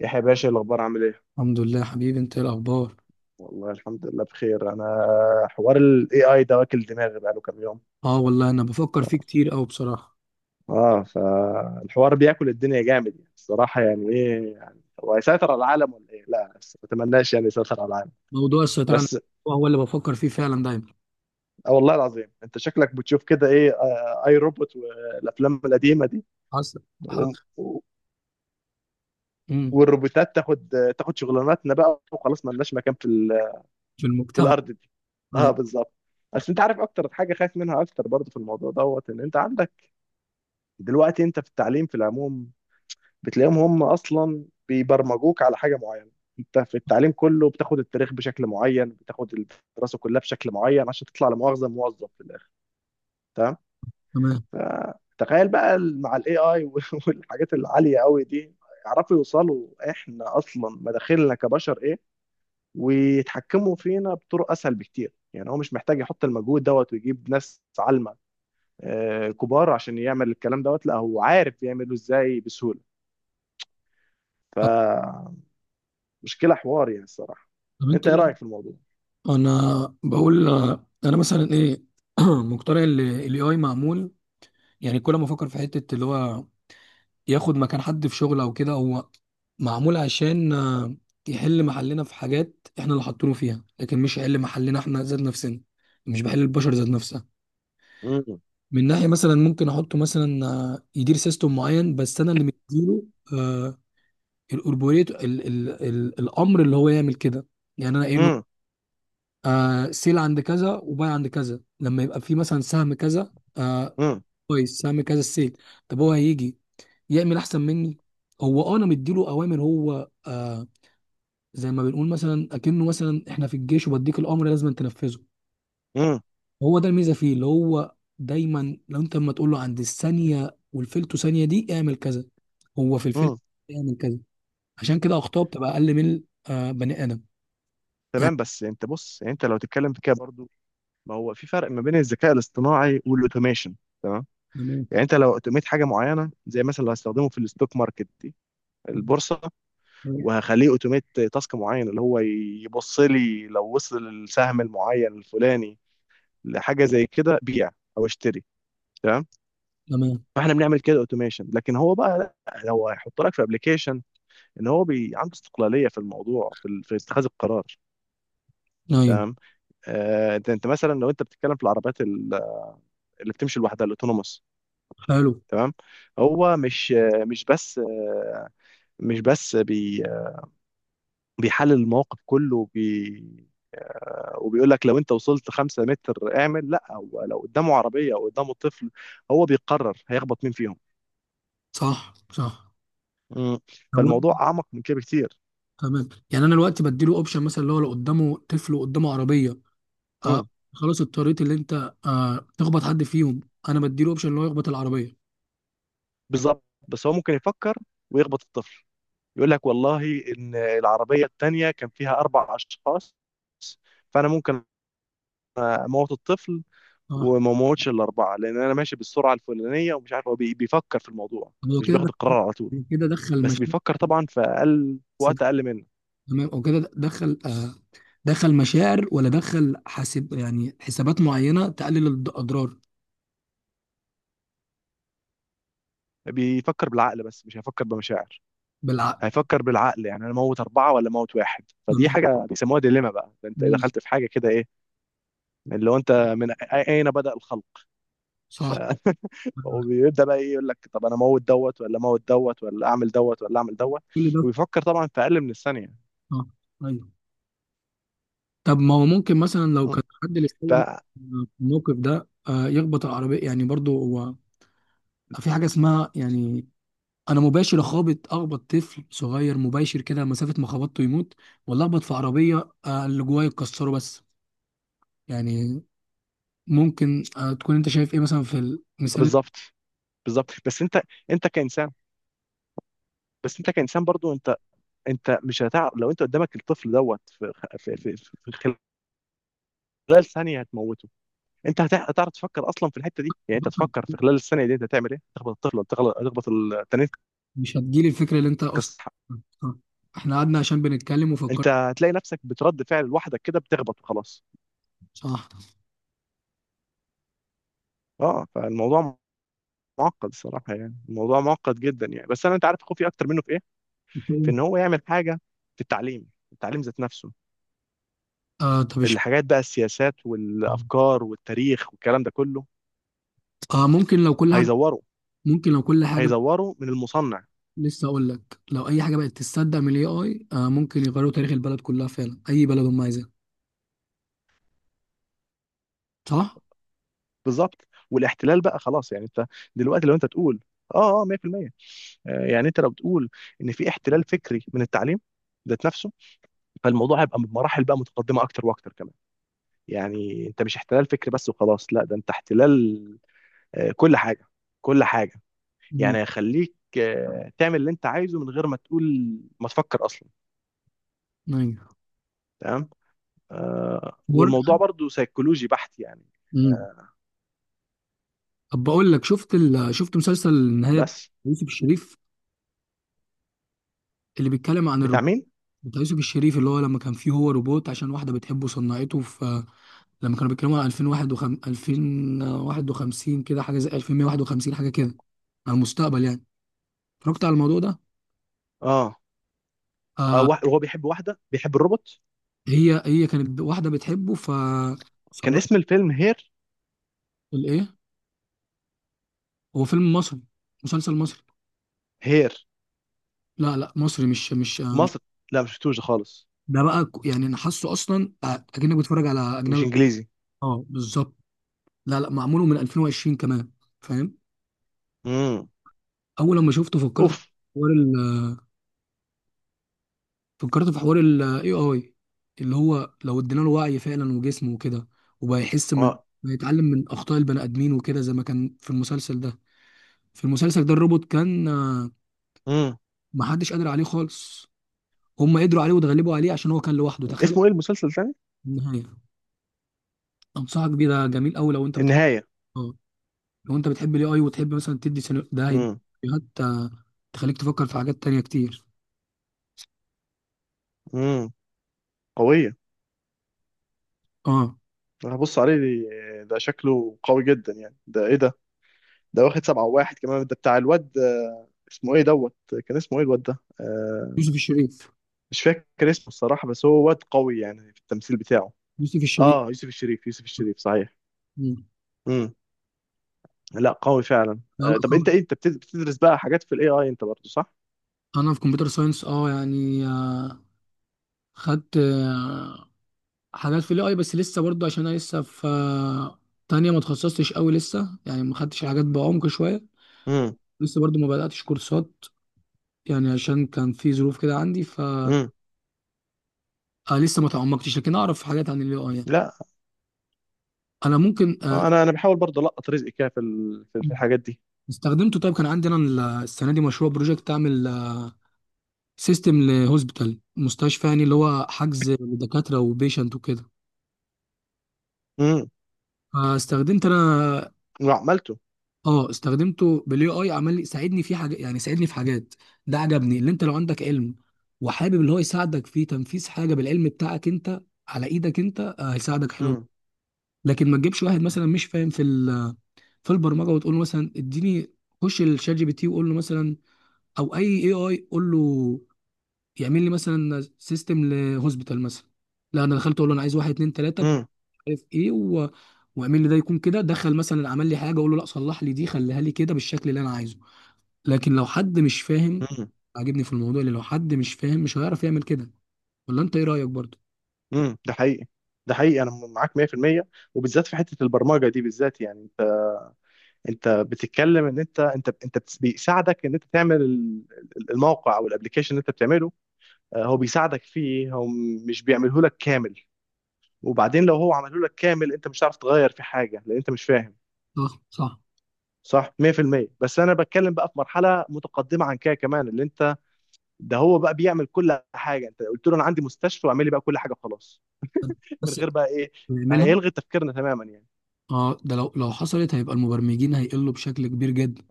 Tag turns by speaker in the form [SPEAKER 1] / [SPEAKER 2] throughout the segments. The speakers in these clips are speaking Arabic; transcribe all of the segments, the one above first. [SPEAKER 1] يحيى باشا، إيه الاخبار، عامل ايه؟
[SPEAKER 2] الحمد لله يا حبيبي، انت ايه الاخبار؟
[SPEAKER 1] والله الحمد لله بخير انا. حوار الاي اي ده واكل دماغي بقاله كام يوم.
[SPEAKER 2] اه والله، انا بفكر فيه كتير قوي بصراحه.
[SPEAKER 1] اه، فالحوار بياكل الدنيا جامد يعني، الصراحه يعني ايه يعني، هو هيسيطر على العالم ولا ايه؟ لا بس ما اتمناش يعني يسيطر على العالم.
[SPEAKER 2] موضوع السيطره على النفس
[SPEAKER 1] بس
[SPEAKER 2] هو اللي بفكر فيه فعلا دايما.
[SPEAKER 1] آه والله العظيم، انت شكلك بتشوف كده. ايه اي روبوت والافلام القديمه دي.
[SPEAKER 2] حصل. حصل.
[SPEAKER 1] و- و-
[SPEAKER 2] امم
[SPEAKER 1] والروبوتات تاخد شغلاناتنا بقى وخلاص، ما لناش مكان
[SPEAKER 2] في
[SPEAKER 1] في
[SPEAKER 2] المجتمع.
[SPEAKER 1] الارض دي. اه
[SPEAKER 2] طيب،
[SPEAKER 1] بالظبط. بس انت عارف اكتر حاجه خايف منها اكتر برضه في الموضوع دوت، ان انت عندك دلوقتي، انت في التعليم في العموم بتلاقيهم هم اصلا بيبرمجوك على حاجه معينه. انت في التعليم كله بتاخد التاريخ بشكل معين، بتاخد الدراسه كلها بشكل معين، عشان تطلع لمؤاخذه موظف في الاخر. تمام؟
[SPEAKER 2] تمام.
[SPEAKER 1] فتخيل بقى مع الاي اي والحاجات العاليه قوي دي يعرفوا يوصلوا احنا اصلا مداخلنا كبشر ايه، ويتحكموا فينا بطرق اسهل بكتير. يعني هو مش محتاج يحط المجهود دوت ويجيب ناس عالمه كبار عشان يعمل الكلام دوت، لا هو عارف يعمله ازاي بسهوله.
[SPEAKER 2] طب.
[SPEAKER 1] فمشكلة حوار يعني الصراحة.
[SPEAKER 2] طب، انت
[SPEAKER 1] انت
[SPEAKER 2] ايه
[SPEAKER 1] ايه
[SPEAKER 2] رأيك؟
[SPEAKER 1] رأيك في الموضوع؟
[SPEAKER 2] انا بقول، انا مثلا ايه. مقتنع ان الاي اي معمول. يعني كل ما افكر في حته اللي هو ياخد مكان حد في شغل او كده، هو معمول عشان يحل محلنا في حاجات احنا اللي حاطينه فيها، لكن مش هيحل محلنا احنا ذات نفسنا. مش بحل البشر ذات نفسها.
[SPEAKER 1] مم.
[SPEAKER 2] من ناحيه مثلا ممكن احطه مثلا يدير سيستم معين، بس انا اللي مديله آه، الأوربوريت، ال ال ال الامر اللي هو يعمل كده. يعني انا قايل له
[SPEAKER 1] مم.
[SPEAKER 2] سيل عند كذا وباي عند كذا، لما يبقى في مثلا سهم كذا
[SPEAKER 1] مم.
[SPEAKER 2] كويس. سهم كذا السيل. طب هو هيجي يعمل احسن مني؟ هو انا مديله اوامر. هو زي ما بنقول، مثلا اكنه مثلا احنا في الجيش، وبديك الامر لازم تنفذه.
[SPEAKER 1] مم.
[SPEAKER 2] هو ده الميزه فيه، اللي هو دايما لو انت لما تقول له عند الثانيه والفلتو ثانيه دي اعمل كذا، هو في الفلتو
[SPEAKER 1] مم.
[SPEAKER 2] اعمل كذا. عشان كده اخطاء بتبقى اقل من بني ادم. يعني
[SPEAKER 1] تمام. بس انت بص، يعني انت لو تتكلم في كده برضو، ما هو في فرق ما بين الذكاء الاصطناعي والاوتوميشن. تمام؟
[SPEAKER 2] تمام.
[SPEAKER 1] يعني انت لو اوتوميت حاجه معينه، زي مثلا لو هستخدمه في الستوك ماركت دي، البورصه، وهخليه اوتوميت تاسك معين اللي هو يبص لي لو وصل السهم المعين الفلاني لحاجه زي كده، بيع او اشتري. تمام؟
[SPEAKER 2] تمام،
[SPEAKER 1] فاحنا بنعمل كده اوتوميشن، لكن هو بقى لا، لو هيحط لك في ابلكيشن ان هو بي عنده استقلاليه في الموضوع، في اتخاذ القرار.
[SPEAKER 2] ايوه.
[SPEAKER 1] تمام؟ انت انت مثلا لو انت بتتكلم في العربيات اللي بتمشي لوحدها، الاوتونوموس.
[SPEAKER 2] حلو.
[SPEAKER 1] تمام؟ هو مش بس بي بيحلل المواقف كله، وبيقول لك لو انت وصلت 5 متر اعمل، لا هو لو قدامه عربية او قدامه طفل، هو بيقرر هيخبط مين فيهم.
[SPEAKER 2] صح. صح.
[SPEAKER 1] مم.
[SPEAKER 2] تمام.
[SPEAKER 1] فالموضوع اعمق من كده بكتير.
[SPEAKER 2] تمام، يعني انا دلوقتي بديله اوبشن، مثلا اللي هو لو قدامه طفل وقدامه عربيه، آه
[SPEAKER 1] مم.
[SPEAKER 2] خلاص اضطريت، اللي انت تخبط حد فيهم. انا بديله اوبشن اللي هو يخبط العربيه.
[SPEAKER 1] بالظبط، بس هو ممكن يفكر ويخبط الطفل، يقول لك والله ان العربيه الثانيه كان فيها 4 اشخاص، فانا ممكن اموت الطفل
[SPEAKER 2] صح.
[SPEAKER 1] وما اموتش الاربعه لان انا ماشي بالسرعه الفلانيه. ومش عارف، هو بيفكر في الموضوع،
[SPEAKER 2] هو
[SPEAKER 1] مش
[SPEAKER 2] كده
[SPEAKER 1] بياخد القرار على طول،
[SPEAKER 2] كده دخل
[SPEAKER 1] بس
[SPEAKER 2] مشاكل.
[SPEAKER 1] بيفكر طبعا في وقت اقل منه.
[SPEAKER 2] تمام، او كده دخل دخل مشاعر، ولا دخل حاسب، يعني حسابات معينه تقلل الاضرار.
[SPEAKER 1] بيفكر بالعقل، بس مش هيفكر بمشاعر.
[SPEAKER 2] بالعقل.
[SPEAKER 1] هيفكر بالعقل، يعني انا موت اربعه ولا موت واحد، فدي
[SPEAKER 2] تمام.
[SPEAKER 1] حاجه بيسموها ديليما بقى. ده انت
[SPEAKER 2] مم.
[SPEAKER 1] دخلت في حاجه كده، ايه اللي هو انت اين بدا الخلق. ف
[SPEAKER 2] صح.
[SPEAKER 1] وبيبدا بقى ايه، يقول لك طب انا اموت دوت ولا اموت دوت، ولا اعمل دوت ولا اعمل دوت.
[SPEAKER 2] كل ده.
[SPEAKER 1] وبيفكر طبعا في اقل من الثانيه.
[SPEAKER 2] اه. ايوه. طب ما هو ممكن مثلا، لو
[SPEAKER 1] م.
[SPEAKER 2] كان حد للسيء
[SPEAKER 1] ده
[SPEAKER 2] في الموقف ده يخبط العربيه. يعني برضو هو في حاجه اسمها، يعني انا مباشر اخابط اخبط طفل صغير مباشر، كده مسافه ما خبطته يموت، ولا اخبط في عربيه اللي جوايا يكسره بس. يعني ممكن تكون انت شايف ايه مثلا في المثال.
[SPEAKER 1] بالظبط. بالظبط بس انت، انت كانسان، بس انت كانسان برضو، انت انت مش هتعرف لو انت قدامك الطفل دوت في خلال ثانيه هتموته. انت هتعرف تفكر اصلا في الحته دي؟ يعني انت تفكر في خلال الثانيه دي انت هتعمل ايه، تخبط الطفل ولا تخبط التاني،
[SPEAKER 2] مش هتجيلي الفكرة اللي انت اصلا
[SPEAKER 1] تكسر.
[SPEAKER 2] آه. احنا قعدنا عشان بنتكلم
[SPEAKER 1] انت
[SPEAKER 2] وفكرنا.
[SPEAKER 1] هتلاقي نفسك بترد فعل لوحدك كده، بتخبط وخلاص.
[SPEAKER 2] صح.
[SPEAKER 1] اه فالموضوع معقد الصراحه، يعني الموضوع معقد جدا يعني. بس انا انت عارف خوفي اكتر منه في ايه؟ في ان هو يعمل حاجه في التعليم، التعليم ذات نفسه.
[SPEAKER 2] آه، طب
[SPEAKER 1] الحاجات بقى، السياسات والافكار والتاريخ والكلام ده كله،
[SPEAKER 2] اه، ممكن لو كل حاجة.
[SPEAKER 1] هيزوروا
[SPEAKER 2] ممكن لو كل حاجة،
[SPEAKER 1] هيزوروا من المصنع.
[SPEAKER 2] لسه اقول لك، لو اي حاجة بقت تصدق من الاي اي، ممكن يغيروا تاريخ البلد كلها، فعلا اي بلد هم عايزينها. صح؟
[SPEAKER 1] بالظبط. والاحتلال بقى خلاص، يعني انت دلوقتي لو انت تقول اه، اه، 100%. يعني انت لو بتقول ان في احتلال فكري من التعليم ذات نفسه، فالموضوع هيبقى بمراحل بقى متقدمه اكتر واكتر كمان. يعني انت مش احتلال فكري بس وخلاص، لا ده انت احتلال كل حاجه، كل حاجه.
[SPEAKER 2] امم.
[SPEAKER 1] يعني هيخليك تعمل اللي انت عايزه من غير ما تقول، ما تفكر اصلا.
[SPEAKER 2] ايوه.
[SPEAKER 1] تمام؟
[SPEAKER 2] ور-
[SPEAKER 1] والموضوع برضو سيكولوجي بحت يعني.
[SPEAKER 2] امم
[SPEAKER 1] آه،
[SPEAKER 2] طب بقول لك، شفت شفت مسلسل النهاية بتاع
[SPEAKER 1] بس
[SPEAKER 2] يوسف الشريف، اللي بيتكلم عن
[SPEAKER 1] بتاع
[SPEAKER 2] الروبوت،
[SPEAKER 1] مين؟
[SPEAKER 2] بتاع يوسف الشريف، اللي هو لما كان فيه هو روبوت عشان واحدة بتحبه، صنعته في لما كانوا بيتكلموا عن 2051، 2051، كده حاجه زي 1151 حاجه كده، على المستقبل يعني. اتفرجت على الموضوع ده؟
[SPEAKER 1] اه,
[SPEAKER 2] آه.
[SPEAKER 1] هو بيحب واحده، بيحب الروبوت.
[SPEAKER 2] هي كانت واحده بتحبه، ف
[SPEAKER 1] كان
[SPEAKER 2] صنعت.
[SPEAKER 1] اسم الفيلم هير؟
[SPEAKER 2] الايه؟ هو فيلم مصري؟ مسلسل مصري.
[SPEAKER 1] هير؟
[SPEAKER 2] لا، لا، مصري، مش
[SPEAKER 1] مصر؟ لا مش شفتوش ده خالص.
[SPEAKER 2] ده بقى. يعني انا حاسه اصلا، اكنك بتتفرج على
[SPEAKER 1] مش
[SPEAKER 2] اجنبي.
[SPEAKER 1] انجليزي؟
[SPEAKER 2] اه، بالظبط. لا، لا، معموله من 2020 كمان، فاهم؟
[SPEAKER 1] امم.
[SPEAKER 2] اول لما شفته فكرت
[SPEAKER 1] اوف.
[SPEAKER 2] فكرت في حوار ال AI، اللي هو لو ادينا له وعي فعلا وجسم وكده، وبقى يحس من،
[SPEAKER 1] اه.
[SPEAKER 2] بيتعلم من اخطاء البني ادمين وكده، زي ما كان في المسلسل ده. في المسلسل ده الروبوت كان
[SPEAKER 1] امم.
[SPEAKER 2] محدش قادر عليه خالص. هم قدروا عليه واتغلبوا عليه عشان هو كان لوحده، تخيل.
[SPEAKER 1] اسمه ايه المسلسل تاني؟
[SPEAKER 2] النهايه. انصحك بيه، ده جميل قوي لو انت بتحب،
[SPEAKER 1] النهايه.
[SPEAKER 2] آه، لو انت بتحب الاي اي، وتحب مثلا تدي ده هيديك
[SPEAKER 1] امم.
[SPEAKER 2] سيناريوهات تخليك تفكر في حاجات تانية كتير.
[SPEAKER 1] امم. قويه.
[SPEAKER 2] اه.
[SPEAKER 1] انا هبص عليه ده شكله قوي جدا يعني. ده ايه ده؟ ده واخد 7-1 كمان؟ ده بتاع الواد اسمه ايه دوت، كان اسمه ايه الواد ده
[SPEAKER 2] يوسف الشريف.
[SPEAKER 1] مش فاكر اسمه الصراحة، بس هو واد قوي يعني في التمثيل بتاعه.
[SPEAKER 2] يوسف الشريف.
[SPEAKER 1] اه، يوسف الشريف، يوسف الشريف صحيح.
[SPEAKER 2] مم.
[SPEAKER 1] امم. لا قوي فعلا.
[SPEAKER 2] لا، لا
[SPEAKER 1] طب انت
[SPEAKER 2] طبعا.
[SPEAKER 1] ايه، انت بتدرس بقى حاجات في الاي اي انت برضه، صح؟
[SPEAKER 2] انا في كمبيوتر ساينس، اه يعني، خدت حاجات في الاي، بس لسه برضه عشان انا لسه في تانية، ما اتخصصتش قوي لسه، يعني ما خدتش الحاجات بعمق شويه.
[SPEAKER 1] امم.
[SPEAKER 2] لسه برضه ما بداتش كورسات، يعني عشان كان في ظروف كده عندي، ف
[SPEAKER 1] امم.
[SPEAKER 2] لسه ما تعمقتش، لكن اعرف حاجات عن الاي اي يعني.
[SPEAKER 1] لا
[SPEAKER 2] انا ممكن
[SPEAKER 1] انا انا بحاول برضه القط رزقي كده في ال- في في الحاجات دي.
[SPEAKER 2] استخدمته. طيب كان عندي انا السنه دي مشروع بروجكت، اعمل سيستم لهوسبيتال، مستشفى يعني، اللي هو حجز لدكاتره وبيشنت وكده.
[SPEAKER 1] امم.
[SPEAKER 2] فاستخدمت انا،
[SPEAKER 1] وعملته؟
[SPEAKER 2] اه استخدمته بالاي اي، عمل لي، ساعدني في حاجه، يعني ساعدني في حاجات. ده عجبني، اللي انت لو عندك علم وحابب اللي هو يساعدك في تنفيذ حاجه بالعلم بتاعك انت، على ايدك انت، هيساعدك، حلو.
[SPEAKER 1] امم.
[SPEAKER 2] لكن ما تجيبش واحد مثلا مش فاهم في البرمجه، وتقول له مثلا اديني، خش الشات جي بي تي وقول له مثلا، او اي اي اي قول له يعمل لي مثلا سيستم لهوسبيتال مثلا. لا، انا دخلت اقول له انا عايز واحد اتنين تلاته،
[SPEAKER 1] امم.
[SPEAKER 2] مش عارف ايه، واعمل لي ده يكون كده. دخل مثلا، عمل لي حاجه، اقول له لا صلح لي دي، خليها لي كده بالشكل اللي انا عايزه. لكن لو حد مش فاهم،
[SPEAKER 1] امم.
[SPEAKER 2] عاجبني في الموضوع اللي لو حد مش فاهم مش هيعرف يعمل كده. ولا انت ايه رأيك برضو؟
[SPEAKER 1] امم. ده حقيقي. ده حقيقي، انا معاك 100%. وبالذات في حتة البرمجة دي بالذات يعني. انت بتتكلم ان انت بيساعدك ان انت تعمل الموقع او الابلكيشن اللي انت بتعمله. هو بيساعدك فيه هو، مش بيعمله لك كامل. وبعدين لو هو عمله لك كامل انت مش هتعرف تغير في حاجه لان انت مش فاهم.
[SPEAKER 2] صح. صح.
[SPEAKER 1] صح، 100%. بس انا بتكلم بقى في مرحله متقدمه عن كده كمان، اللي انت، ده هو بقى بيعمل كل حاجه، انت قلت له انا عندي مستشفى، واعمل لي بقى كل حاجه خلاص من
[SPEAKER 2] بس
[SPEAKER 1] غير بقى ايه،
[SPEAKER 2] نعملها.
[SPEAKER 1] هيلغي تفكيرنا تماما يعني.
[SPEAKER 2] اه، ده لو حصلت هيبقى المبرمجين هيقلوا بشكل كبير جدا.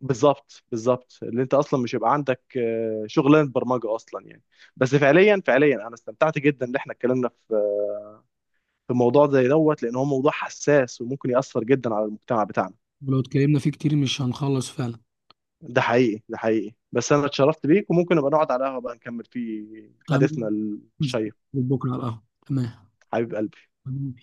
[SPEAKER 1] بالظبط، بالظبط، اللي انت اصلا مش هيبقى عندك شغلانه برمجه اصلا يعني. بس فعليا فعليا انا استمتعت جدا ان احنا اتكلمنا في في موضوع زي دوت، لان هو موضوع حساس وممكن ياثر جدا على المجتمع بتاعنا.
[SPEAKER 2] ولو اتكلمنا فيه كتير مش هنخلص فعلا.
[SPEAKER 1] ده حقيقي، ده حقيقي. بس انا اتشرفت بيك، وممكن نبقى نقعد على قهوه بقى نكمل فيه حديثنا
[SPEAKER 2] تمام.
[SPEAKER 1] الشيق،
[SPEAKER 2] بكره على القهوة.
[SPEAKER 1] حبيب قلبي.
[SPEAKER 2] تمام.